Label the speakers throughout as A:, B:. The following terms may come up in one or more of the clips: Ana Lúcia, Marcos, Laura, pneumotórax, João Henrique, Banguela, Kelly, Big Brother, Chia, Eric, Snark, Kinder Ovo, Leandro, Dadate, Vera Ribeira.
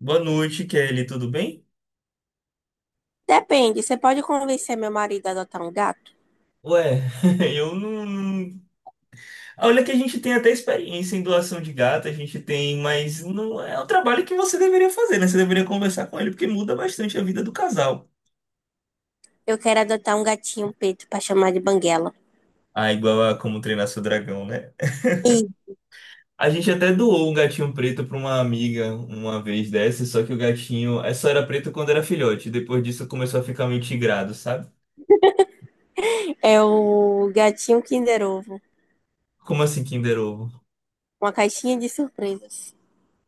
A: Boa noite, Kelly. Tudo bem?
B: Depende, você pode convencer meu marido a adotar um gato?
A: Ué, eu não. Olha que a gente tem até experiência em doação de gato, a gente tem, mas não é o trabalho que você deveria fazer, né? Você deveria conversar com ele, porque muda bastante a vida do casal.
B: Eu quero adotar um gatinho preto pra chamar de Banguela.
A: Ah, igual a como treinar seu dragão, né?
B: E
A: A gente até doou um gatinho preto para uma amiga uma vez dessa, só que o gatinho só era preto quando era filhote. Depois disso começou a ficar meio tigrado, sabe?
B: é o gatinho Kinder Ovo,
A: Como assim, Kinder Ovo?
B: uma caixinha de surpresas.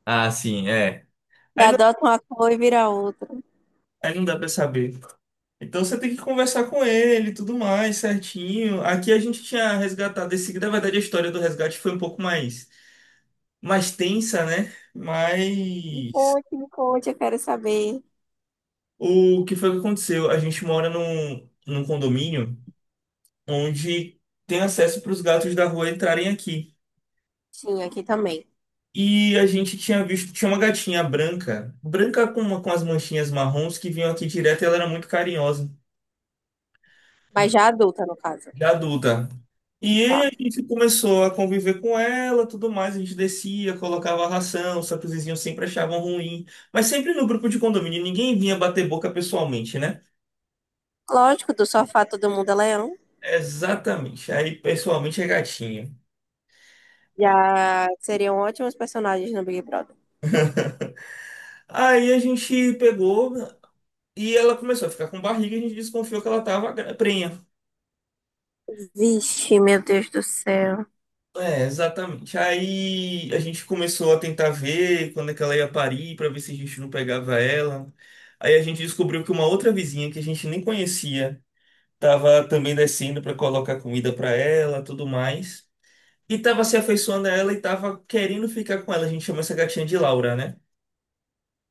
A: Ah, sim, é.
B: Você
A: Aí não,
B: adota uma cor e vira outra.
A: aí não dá pra saber. Então você tem que conversar com ele e tudo mais, certinho. Aqui a gente tinha resgatado esse, na verdade a história do resgate foi um pouco mais tensa, né? Mas
B: Me conte, eu quero saber.
A: o que foi que aconteceu? A gente mora num condomínio onde tem acesso para os gatos da rua entrarem aqui.
B: Sim, aqui também.
A: E a gente tinha visto, tinha uma gatinha branca, branca com as manchinhas marrons que vinham aqui direto e ela era muito carinhosa.
B: Mas já adulta, no caso.
A: Da adulta. E aí
B: Tá.
A: a gente começou a conviver com ela, tudo mais, a gente descia, colocava a ração, só que os vizinhos sempre achavam ruim. Mas sempre no grupo de condomínio, ninguém vinha bater boca pessoalmente, né?
B: Lógico, do sofá todo mundo é leão.
A: Exatamente. Aí pessoalmente é gatinho.
B: Já seriam ótimos personagens no Big Brother.
A: Aí a gente pegou e ela começou a ficar com barriga e a gente desconfiou que ela tava prenha.
B: Vixe, meu Deus do céu.
A: É, exatamente. Aí a gente começou a tentar ver quando é que ela ia parir para ver se a gente não pegava ela. Aí a gente descobriu que uma outra vizinha que a gente nem conhecia tava também descendo para colocar comida para ela, tudo mais. E tava se afeiçoando a ela e tava querendo ficar com ela. A gente chama essa gatinha de Laura, né?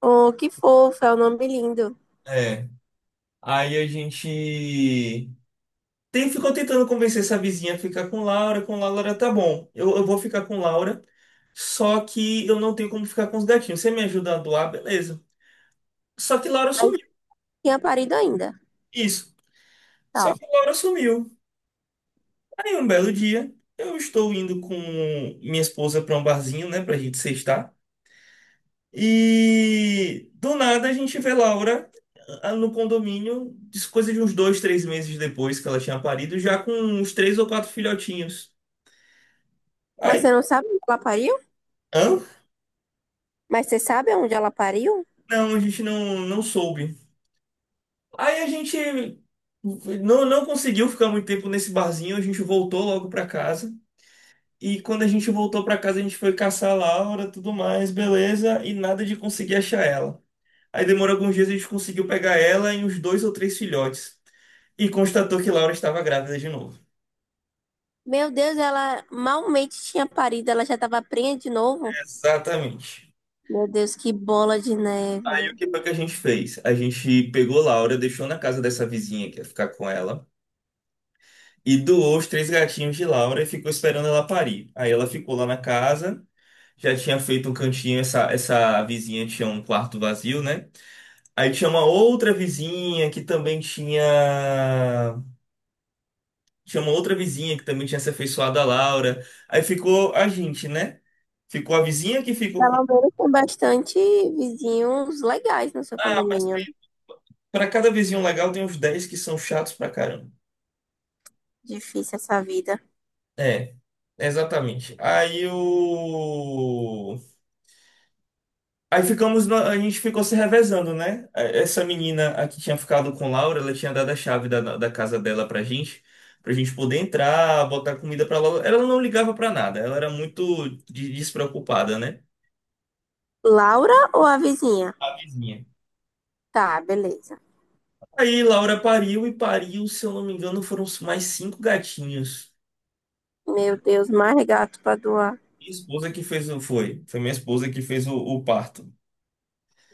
B: Oh, que fofo, é um nome lindo.
A: É. Aí a gente Tem, Ficou tentando convencer essa vizinha a ficar com Laura tá bom. Eu vou ficar com Laura, só que eu não tenho como ficar com os gatinhos. Você me ajuda a doar, beleza. Só que Laura
B: Mas não
A: sumiu.
B: tinha parido ainda.
A: Isso. Só
B: Tá.
A: que Laura sumiu. Aí um belo dia, eu estou indo com minha esposa para um barzinho, né, pra gente sextar. E do nada a gente vê Laura no condomínio, isso coisa de uns dois, três meses depois que ela tinha parido, já com uns três ou quatro filhotinhos.
B: Mas
A: Aí,
B: você não sabe onde ela pariu?
A: hã?
B: Mas você sabe onde ela pariu?
A: Não, a gente não soube. Aí a gente não conseguiu ficar muito tempo nesse barzinho, a gente voltou logo pra casa. E quando a gente voltou pra casa, a gente foi caçar a Laura, tudo mais, beleza, e nada de conseguir achar ela. Aí demorou alguns dias, a gente conseguiu pegar ela e uns dois ou três filhotes. E constatou que Laura estava grávida de novo.
B: Meu Deus, ela malmente tinha parido, ela já tava prenha de novo.
A: Exatamente.
B: Meu Deus, que bola de
A: Aí
B: neve.
A: o que foi que a gente fez? A gente pegou Laura, deixou na casa dessa vizinha que ia ficar com ela. E doou os três gatinhos de Laura e ficou esperando ela parir. Aí ela ficou lá na casa, já tinha feito um cantinho, essa vizinha tinha um quarto vazio, né? Aí tinha uma outra vizinha que também tinha. Tinha uma outra vizinha que também tinha se afeiçoado a Laura. Aí ficou a gente, né? Ficou a vizinha que ficou com.
B: Pelo menos tem bastante vizinhos legais no seu
A: Ah, mas
B: condomínio, né?
A: tem- Pra cada vizinho legal tem uns dez que são chatos pra caramba.
B: Difícil essa vida.
A: É, exatamente. Aí o. Aí ficamos, no- A gente ficou se revezando, né? Essa menina aqui tinha ficado com Laura, ela tinha dado a chave da casa dela pra gente poder entrar, botar comida pra Laura. Ela não ligava pra nada, ela era muito despreocupada, né?
B: Laura ou a vizinha?
A: A vizinha.
B: Tá, beleza.
A: Aí Laura pariu e pariu, se eu não me engano, foram mais cinco gatinhos.
B: Meu Deus, mais gato pra doar.
A: Minha esposa que fez o. Foi. Foi minha esposa que fez o parto.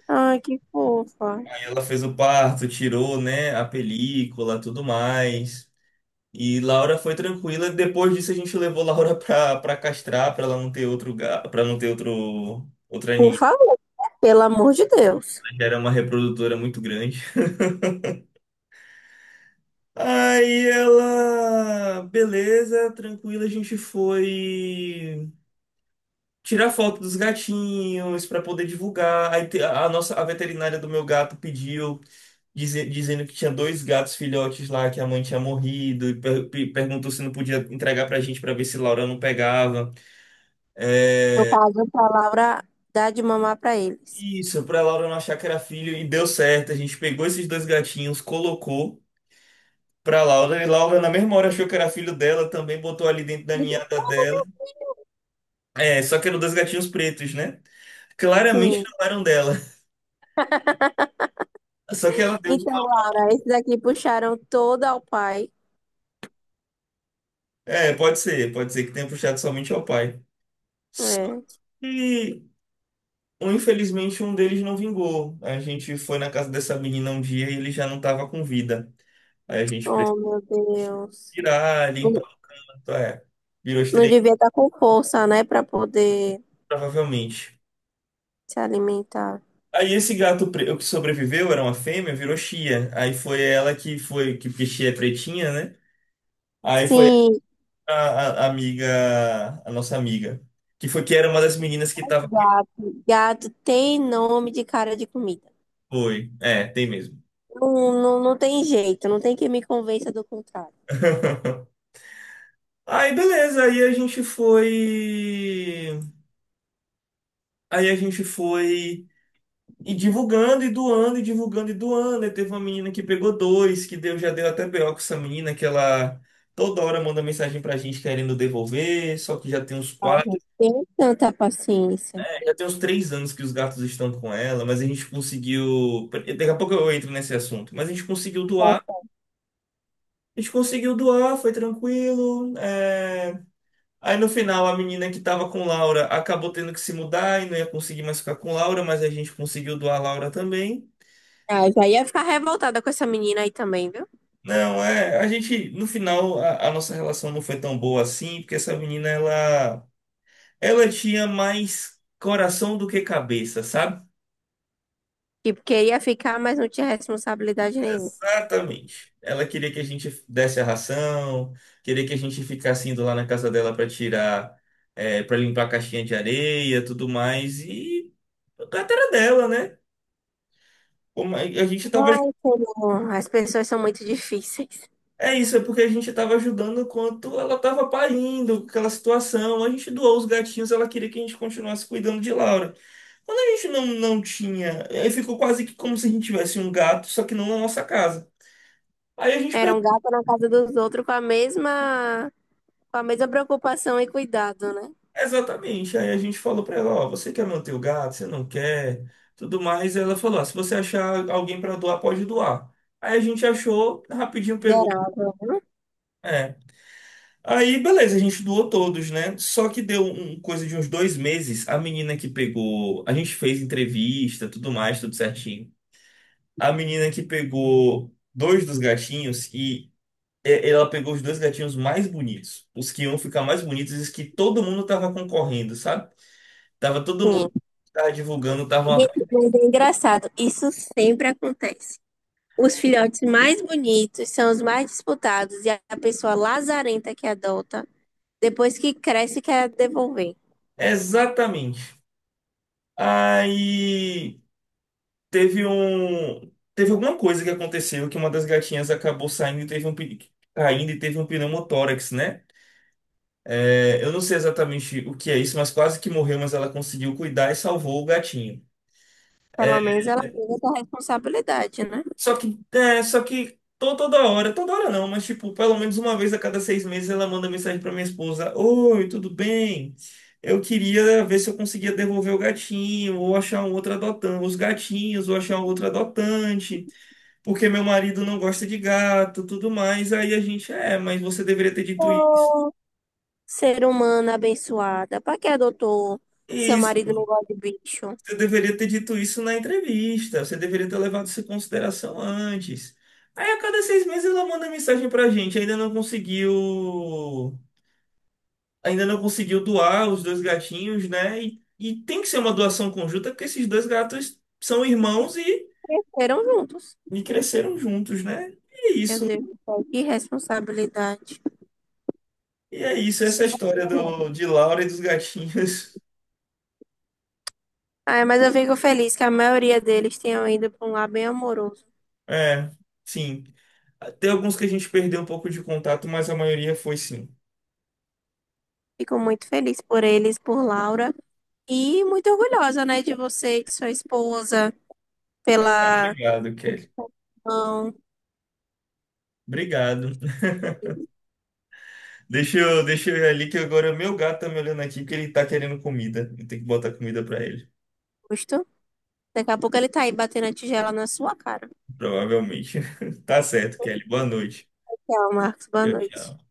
B: Ai, que fofa.
A: Aí ela fez o parto, tirou, né, a película, tudo mais. E Laura foi tranquila. Depois disso a gente levou Laura pra castrar, pra ela não ter outro para não ter outro outra
B: Por
A: ninhada.
B: favor, né? Pelo amor de Deus.
A: Já era uma reprodutora muito grande. Aí ela, beleza, tranquila, a gente foi tirar foto dos gatinhos pra poder divulgar. A nossa a veterinária do meu gato pediu dizendo que tinha dois gatos filhotes lá que a mãe tinha morrido e perguntou se não podia entregar pra gente pra ver se Laura não pegava.
B: No caso, pra Laura dar de mamar pra eles.
A: Isso, pra Laura não achar que era filho e deu certo. A gente pegou esses dois gatinhos, colocou pra Laura e Laura na mesma hora achou que era filho dela, também botou ali dentro da
B: Me
A: ninhada
B: desculpa,
A: dela.
B: meu
A: É, só que eram dois gatinhos pretos, né? Claramente
B: filho.
A: não eram dela. Só que ela deu de...
B: Então, Laura, esses aqui puxaram todo ao pai.
A: É, pode ser que tenha puxado somente ao pai. Só
B: É.
A: que, um, infelizmente, um deles não vingou. A gente foi na casa dessa menina um dia e ele já não estava com vida. Aí a gente
B: Oh,
A: precisou
B: meu Deus.
A: tirar, limpar,
B: Não,
A: é, virou
B: não
A: estreito,
B: devia estar com força, né, para poder
A: provavelmente.
B: se alimentar.
A: Aí esse o que sobreviveu era uma fêmea, virou Chia. Aí foi ela que foi, que porque Chia é pretinha, né? Aí foi
B: Sim,
A: a amiga, a nossa amiga, que era uma das meninas que tava com o
B: gato. Gato tem nome de cara de comida.
A: boi. É, tem mesmo.
B: Não, tem jeito, não tem que me convença do contrário.
A: Aí beleza, aí a gente foi e divulgando e doando e divulgando e doando. Aí teve uma menina que pegou dois, que deu já deu até BO com essa menina que ela toda hora manda mensagem pra gente querendo devolver, só que já tem uns
B: A
A: quatro.
B: gente tem tanta paciência.
A: É, já tem uns três anos que os gatos estão com ela, mas a gente conseguiu. Daqui a pouco eu entro nesse assunto, mas a gente conseguiu doar. A gente conseguiu doar, foi tranquilo. É. Aí no final a menina que tava com Laura acabou tendo que se mudar e não ia conseguir mais ficar com Laura, mas a gente conseguiu doar Laura também.
B: Ah, já ia ficar revoltada com essa menina aí também, viu?
A: Não, é. A gente, no final, a nossa relação não foi tão boa assim, porque essa menina, ela tinha mais coração do que cabeça, sabe?
B: Tipo, queria ficar, mas não tinha responsabilidade nenhuma.
A: Exatamente. Ela queria que a gente desse a ração, queria que a gente ficasse indo lá na casa dela para tirar, para limpar a caixinha de areia, tudo mais. E a carteira dela, né? Como a gente tava.
B: Ai, Senhor, as pessoas são muito difíceis.
A: É isso, é porque a gente tava ajudando enquanto ela tava parindo, aquela situação. A gente doou os gatinhos, ela queria que a gente continuasse cuidando de Laura. Quando a gente não tinha, aí ficou quase que como se a gente tivesse um gato, só que não na nossa casa. Aí a gente
B: Era um gato na casa dos outros com a mesma preocupação e cuidado, né?
A: Exatamente. Aí a gente falou pra ela, ó, você quer manter o gato, você não quer, tudo mais. Ela falou, ó, se você achar alguém pra doar, pode doar. Aí a gente achou, rapidinho pegou.
B: Miserável.
A: É. Aí, beleza, a gente doou todos, né? Só que deu um coisa de uns dois meses, a menina que pegou, a gente fez entrevista, tudo mais, tudo certinho. A menina que pegou dois dos gatinhos e é, ela pegou os dois gatinhos mais bonitos, os que iam ficar mais bonitos, e os que todo mundo tava concorrendo, sabe? Tava todo mundo
B: Sim.
A: que tava divulgando, estavam
B: Gente,
A: atrás.
B: mas é engraçado, isso sempre acontece. Os filhotes mais bonitos são os mais disputados e a pessoa lazarenta que adota, depois que cresce, quer devolver.
A: Exatamente. Aí teve um. Teve alguma coisa que aconteceu que uma das gatinhas acabou saindo e teve caindo e teve um pneumotórax, né? É, eu não sei exatamente o que é isso, mas quase que morreu, mas ela conseguiu cuidar e salvou o gatinho.
B: Pelo
A: É,
B: menos ela tem essa responsabilidade, né?
A: só que, é, só que toda hora não, mas tipo, pelo menos uma vez a cada seis meses ela manda mensagem pra minha esposa: Oi, tudo bem? Eu queria ver se eu conseguia devolver o gatinho, ou achar um outro adotante, os gatinhos, ou achar um outro adotante, porque meu marido não gosta de gato, tudo mais. Aí a gente, é, mas você deveria ter dito
B: Ô, ser humano abençoada, pra que adotou seu
A: isso.
B: marido não gosta de bicho?
A: Você deveria ter dito isso na entrevista. Você deveria ter levado isso em consideração antes. Aí a cada seis meses ela manda mensagem pra gente. Ainda não conseguiu. Ainda não conseguiu doar os dois gatinhos, né? E tem que ser uma doação conjunta, porque esses dois gatos são irmãos
B: Cresceram juntos.
A: e cresceram juntos, né? E é
B: Meu
A: isso.
B: Deus do céu, que responsabilidade.
A: E é isso, essa é a história de Laura e dos gatinhos.
B: Ah, mas eu fico feliz que a maioria deles tenham ido para um lar bem amoroso.
A: É, sim. Tem alguns que a gente perdeu um pouco de contato, mas a maioria foi sim.
B: Fico muito feliz por eles, por Laura. E muito orgulhosa, né, de você, de sua esposa, pela
A: Obrigado, Kelly.
B: mão.
A: Obrigado. Deixa eu ir ali que agora meu gato tá me olhando aqui porque ele tá querendo comida. Eu tenho que botar comida pra ele,
B: Justo. Daqui a pouco ele tá aí batendo a tigela na sua cara.
A: provavelmente. Tá certo, Kelly. Boa noite.
B: Tchau, Marcos. Boa
A: Tchau,
B: noite.
A: tchau.